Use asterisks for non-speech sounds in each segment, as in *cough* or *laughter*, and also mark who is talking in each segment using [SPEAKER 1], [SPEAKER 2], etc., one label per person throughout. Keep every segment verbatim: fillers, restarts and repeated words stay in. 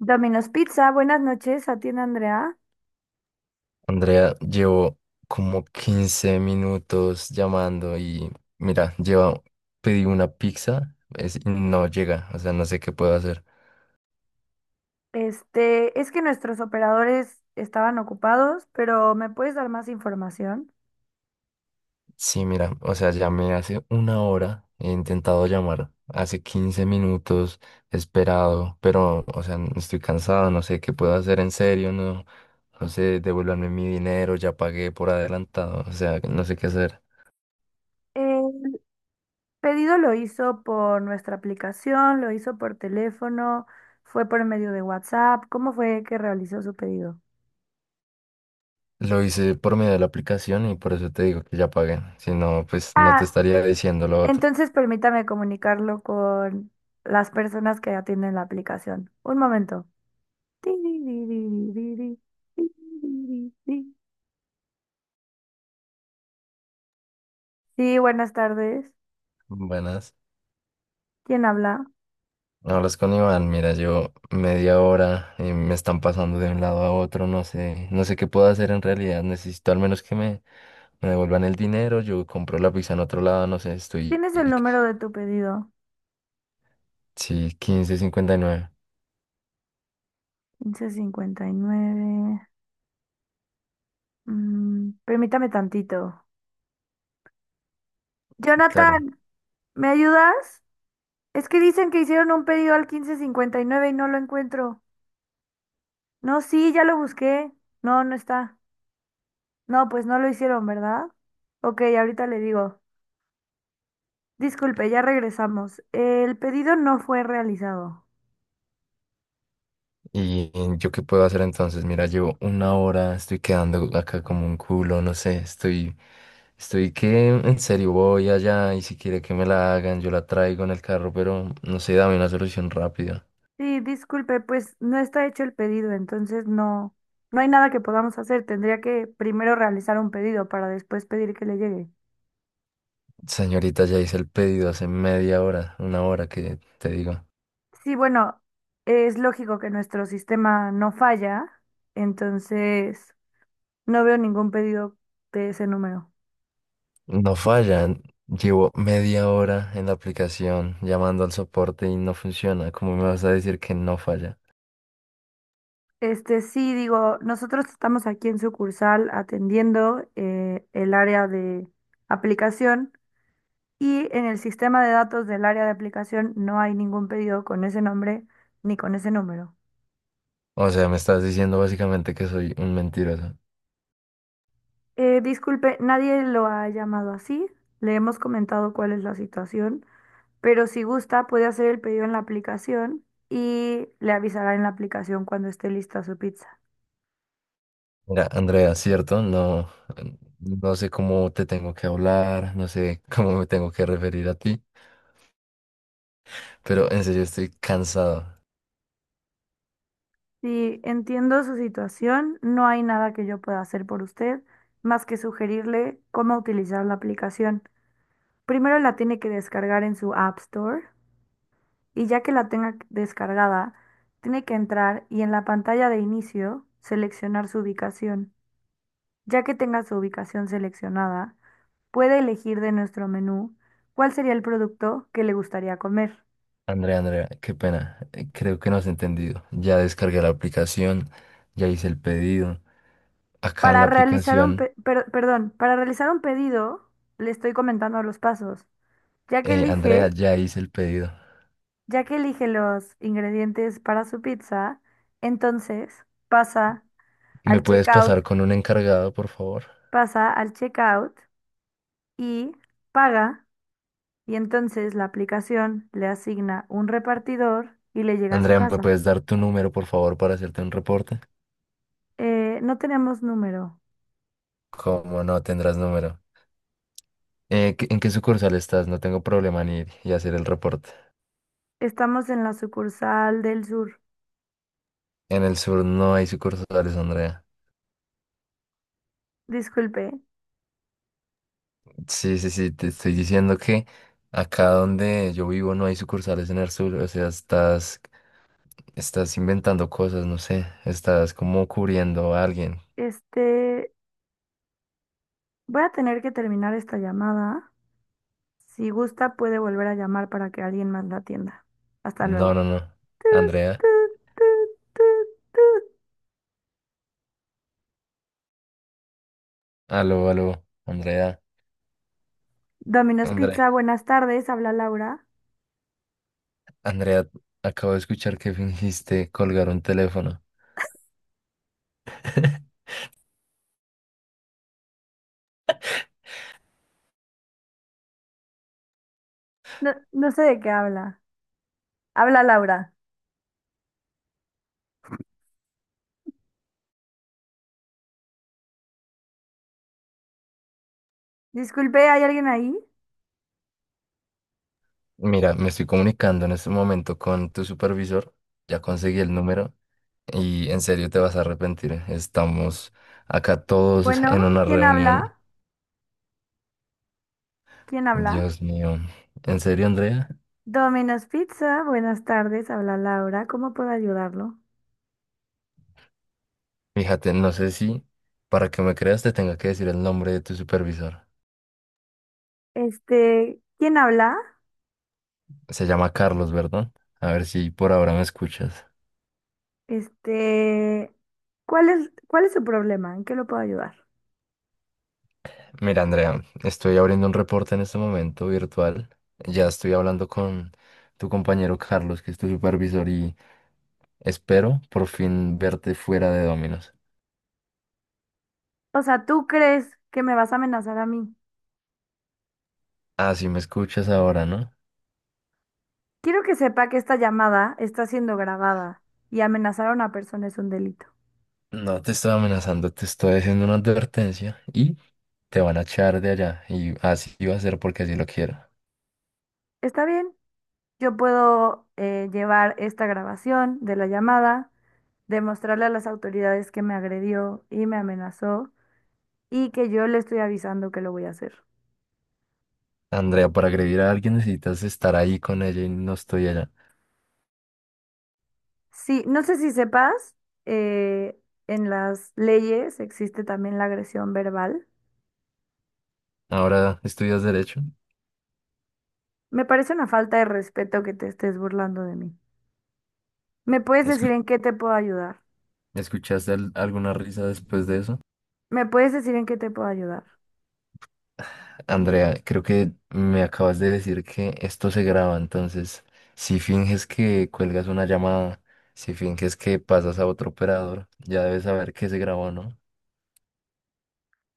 [SPEAKER 1] Domino's Pizza, buenas noches, atiende Andrea.
[SPEAKER 2] Andrea, llevo como quince minutos llamando y mira, lleva, pedí una pizza es- y no llega, o sea, no sé qué puedo hacer.
[SPEAKER 1] Este, es que nuestros operadores estaban ocupados, pero ¿me puedes dar más información?
[SPEAKER 2] Sí, mira, o sea, llamé hace una hora, he intentado llamar hace quince minutos, he esperado, pero, o sea, estoy cansado, no sé qué puedo hacer en serio, no, no sé, devuélvanme mi dinero, ya pagué por adelantado, o sea, no sé qué hacer.
[SPEAKER 1] El pedido lo hizo por nuestra aplicación, lo hizo por teléfono, fue por medio de WhatsApp. ¿Cómo fue que realizó su pedido?
[SPEAKER 2] Lo hice por medio de la aplicación y por eso te digo que ya pagué. Si no, pues no te
[SPEAKER 1] Ah,
[SPEAKER 2] estaría diciendo lo otro.
[SPEAKER 1] entonces permítame comunicarlo con las personas que atienden la aplicación. Un momento. Sí, buenas tardes.
[SPEAKER 2] Buenas.
[SPEAKER 1] ¿Quién habla?
[SPEAKER 2] Hablas con Iván, mira, yo media hora y me están pasando de un lado a otro, no sé, no sé qué puedo hacer en realidad. Necesito al menos que me, me devuelvan el dinero, yo compro la pizza en otro lado, no sé, estoy,
[SPEAKER 1] Tienes el número de tu pedido.
[SPEAKER 2] sí, quince cincuenta y nueve.
[SPEAKER 1] quince cincuenta y nueve. Mm, permítame tantito.
[SPEAKER 2] Claro.
[SPEAKER 1] Jonathan, ¿me ayudas? Es que dicen que hicieron un pedido al quince cincuenta y nueve y nueve y no lo encuentro. No, sí, ya lo busqué. No, no está. No, pues no lo hicieron, ¿verdad? Ok, ahorita le digo. Disculpe, ya regresamos. El pedido no fue realizado.
[SPEAKER 2] ¿Y yo qué puedo hacer entonces? Mira, llevo una hora, estoy quedando acá como un culo, no sé, estoy, estoy que en serio voy allá y si quiere que me la hagan, yo la traigo en el carro, pero no sé, dame una solución rápida.
[SPEAKER 1] Sí, disculpe, pues no está hecho el pedido, entonces no, no hay nada que podamos hacer. Tendría que primero realizar un pedido para después pedir que le llegue.
[SPEAKER 2] Señorita, ya hice el pedido hace media hora, una hora que te digo.
[SPEAKER 1] Sí, bueno, es lógico que nuestro sistema no falla, entonces no veo ningún pedido de ese número.
[SPEAKER 2] No falla, llevo media hora en la aplicación llamando al soporte y no funciona. ¿Cómo me vas a decir que no falla?
[SPEAKER 1] Este sí, digo, nosotros estamos aquí en sucursal atendiendo eh, el área de aplicación y en el sistema de datos del área de aplicación no hay ningún pedido con ese nombre ni con ese número.
[SPEAKER 2] O sea, me estás diciendo básicamente que soy un mentiroso.
[SPEAKER 1] Eh, disculpe, nadie lo ha llamado así. Le hemos comentado cuál es la situación, pero si gusta puede hacer el pedido en la aplicación y le avisará en la aplicación cuando esté lista su pizza.
[SPEAKER 2] Mira, Andrea, ¿cierto? No, no sé cómo te tengo que hablar, no sé *laughs* cómo me tengo que referir a ti, pero en serio estoy cansado.
[SPEAKER 1] Si entiendo su situación, no hay nada que yo pueda hacer por usted más que sugerirle cómo utilizar la aplicación. Primero la tiene que descargar en su App Store y ya que la tenga descargada, tiene que entrar y en la pantalla de inicio seleccionar su ubicación. Ya que tenga su ubicación seleccionada, puede elegir de nuestro menú cuál sería el producto que le gustaría comer.
[SPEAKER 2] Andrea, Andrea, qué pena. eh, Creo que no has entendido. Ya descargué la aplicación, ya hice el pedido. Acá en la
[SPEAKER 1] Para realizar un
[SPEAKER 2] aplicación,
[SPEAKER 1] pe- per- perdón, para realizar un pedido, le estoy comentando los pasos. Ya que
[SPEAKER 2] eh, Andrea,
[SPEAKER 1] elige,
[SPEAKER 2] ya hice el pedido.
[SPEAKER 1] ya que elige los ingredientes para su pizza, entonces pasa
[SPEAKER 2] ¿Me
[SPEAKER 1] al
[SPEAKER 2] puedes
[SPEAKER 1] checkout,
[SPEAKER 2] pasar con un encargado, por favor?
[SPEAKER 1] pasa al checkout y paga, y entonces la aplicación le asigna un repartidor y le llega a su
[SPEAKER 2] Andrea, ¿me
[SPEAKER 1] casa.
[SPEAKER 2] puedes dar tu número, por favor, para hacerte un reporte?
[SPEAKER 1] Eh, no tenemos número.
[SPEAKER 2] ¿Cómo no tendrás número? Eh, ¿qué- ¿en qué sucursal estás? No tengo problema en ir y hacer el reporte.
[SPEAKER 1] Estamos en la sucursal del sur.
[SPEAKER 2] En el sur no hay sucursales, Andrea.
[SPEAKER 1] Disculpe,
[SPEAKER 2] Sí, sí, sí, te estoy diciendo que acá donde yo vivo no hay sucursales en el sur. O sea, estás, estás inventando cosas, no sé. Estás como cubriendo a alguien.
[SPEAKER 1] este, voy a tener que terminar esta llamada. Si gusta, puede volver a llamar para que alguien más la atienda. Hasta
[SPEAKER 2] No,
[SPEAKER 1] luego.
[SPEAKER 2] no, no.
[SPEAKER 1] Tut,
[SPEAKER 2] Andrea.
[SPEAKER 1] tut, tut, tut, tut.
[SPEAKER 2] Aló, aló. Andrea.
[SPEAKER 1] Domino's Pizza,
[SPEAKER 2] Andrea.
[SPEAKER 1] buenas tardes. ¿Habla Laura?
[SPEAKER 2] Andrea, acabo de escuchar que fingiste colgar un teléfono. *laughs*
[SPEAKER 1] No, no sé de qué habla. Habla Laura. Disculpe, ¿hay alguien ahí?
[SPEAKER 2] Mira, me estoy comunicando en este momento con tu supervisor. Ya conseguí el número. Y en serio te vas a arrepentir, ¿eh? Estamos acá todos
[SPEAKER 1] Bueno,
[SPEAKER 2] en una
[SPEAKER 1] ¿quién
[SPEAKER 2] reunión.
[SPEAKER 1] habla? ¿Quién habla?
[SPEAKER 2] Dios mío. ¿En serio, Andrea?
[SPEAKER 1] Domino's Pizza, buenas tardes. Habla Laura. ¿Cómo puedo ayudarlo?
[SPEAKER 2] Fíjate, no sé si para que me creas te tenga que decir el nombre de tu supervisor.
[SPEAKER 1] Este, ¿quién habla?
[SPEAKER 2] Se llama Carlos, ¿verdad? A ver si por ahora me escuchas.
[SPEAKER 1] Este, ¿cuál es, cuál es su problema? ¿En qué lo puedo ayudar?
[SPEAKER 2] Mira, Andrea, estoy abriendo un reporte en este momento virtual. Ya estoy hablando con tu compañero Carlos, que es tu supervisor, y espero por fin verte fuera de Dominos.
[SPEAKER 1] O sea, ¿tú crees que me vas a amenazar a mí?
[SPEAKER 2] Ah, sí me escuchas ahora, ¿no?
[SPEAKER 1] Quiero que sepa que esta llamada está siendo grabada y amenazar a una persona es un delito.
[SPEAKER 2] No te estoy amenazando, te estoy haciendo una advertencia y te van a echar de allá. Y así va a ser porque así lo quiero.
[SPEAKER 1] Está bien, yo puedo eh, llevar esta grabación de la llamada, demostrarle a las autoridades que me agredió y me amenazó y que yo le estoy avisando que lo voy a hacer.
[SPEAKER 2] Andrea, para agredir a alguien necesitas estar ahí con ella y no estoy allá.
[SPEAKER 1] Sí, no sé si sepas, eh, en las leyes existe también la agresión verbal.
[SPEAKER 2] Ahora estudias derecho.
[SPEAKER 1] Me parece una falta de respeto que te estés burlando de mí. ¿Me puedes decir
[SPEAKER 2] Escu-
[SPEAKER 1] en qué te puedo ayudar?
[SPEAKER 2] ¿Escuchaste al- alguna risa después de eso?
[SPEAKER 1] ¿Me puedes decir en qué te puedo ayudar?
[SPEAKER 2] Andrea, creo que me acabas de decir que esto se graba, entonces si finges que cuelgas una llamada, si finges que pasas a otro operador, ya debes saber que se grabó, ¿no?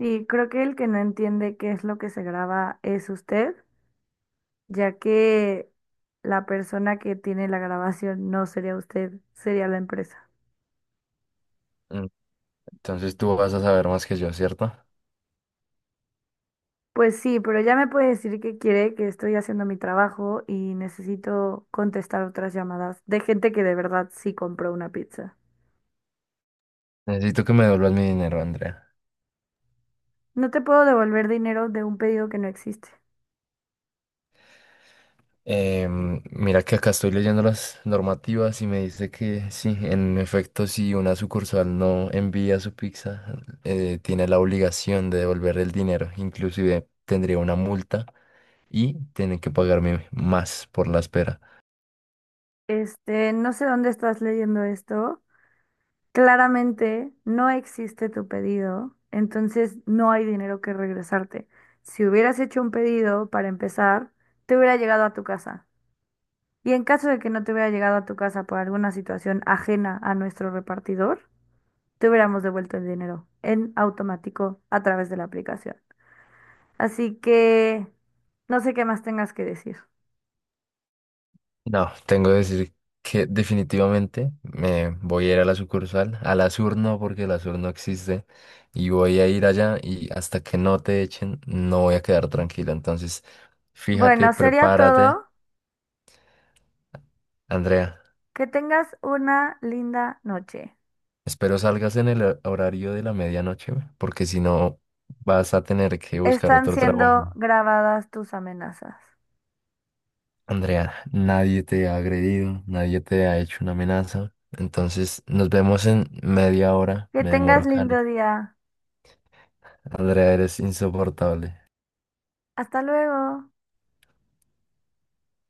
[SPEAKER 1] Y creo que el que no entiende qué es lo que se graba es usted, ya que la persona que tiene la grabación no sería usted, sería la empresa.
[SPEAKER 2] Mm, Entonces tú vas a saber más que yo, ¿cierto?
[SPEAKER 1] Pues sí, pero ya me puede decir que quiere, que estoy haciendo mi trabajo y necesito contestar otras llamadas de gente que de verdad sí compró una pizza.
[SPEAKER 2] Necesito que me devuelvas mi dinero, Andrea.
[SPEAKER 1] No te puedo devolver dinero de un pedido que no existe.
[SPEAKER 2] Em, mira que acá estoy leyendo las normativas y me dice que sí, en efecto, si una sucursal no envía su pizza, eh, tiene la obligación de devolver el dinero. Inclusive tendría una multa y tiene que pagarme más por la espera.
[SPEAKER 1] Este, no sé dónde estás leyendo esto. Claramente no existe tu pedido, entonces no hay dinero que regresarte. Si hubieras hecho un pedido para empezar, te hubiera llegado a tu casa. Y en caso de que no te hubiera llegado a tu casa por alguna situación ajena a nuestro repartidor, te hubiéramos devuelto el dinero en automático a través de la aplicación. Así que no sé qué más tengas que decir.
[SPEAKER 2] No, tengo que decir que definitivamente me voy a ir a la sucursal, a la sur no, porque la sur no existe, y voy a ir allá y hasta que no te echen no voy a quedar tranquilo. Entonces, fíjate,
[SPEAKER 1] Bueno, sería
[SPEAKER 2] prepárate,
[SPEAKER 1] todo.
[SPEAKER 2] Andrea.
[SPEAKER 1] Que tengas una linda noche.
[SPEAKER 2] Espero salgas en el hor- horario de la medianoche, güey, porque si no vas a tener que buscar
[SPEAKER 1] Están
[SPEAKER 2] otro trabajo.
[SPEAKER 1] siendo grabadas tus amenazas.
[SPEAKER 2] Andrea, nadie te ha agredido, nadie te ha hecho una amenaza. Entonces, nos vemos en media hora.
[SPEAKER 1] Que
[SPEAKER 2] Me demoro
[SPEAKER 1] tengas
[SPEAKER 2] acá.
[SPEAKER 1] lindo día.
[SPEAKER 2] Andrea, eres insoportable.
[SPEAKER 1] Hasta luego.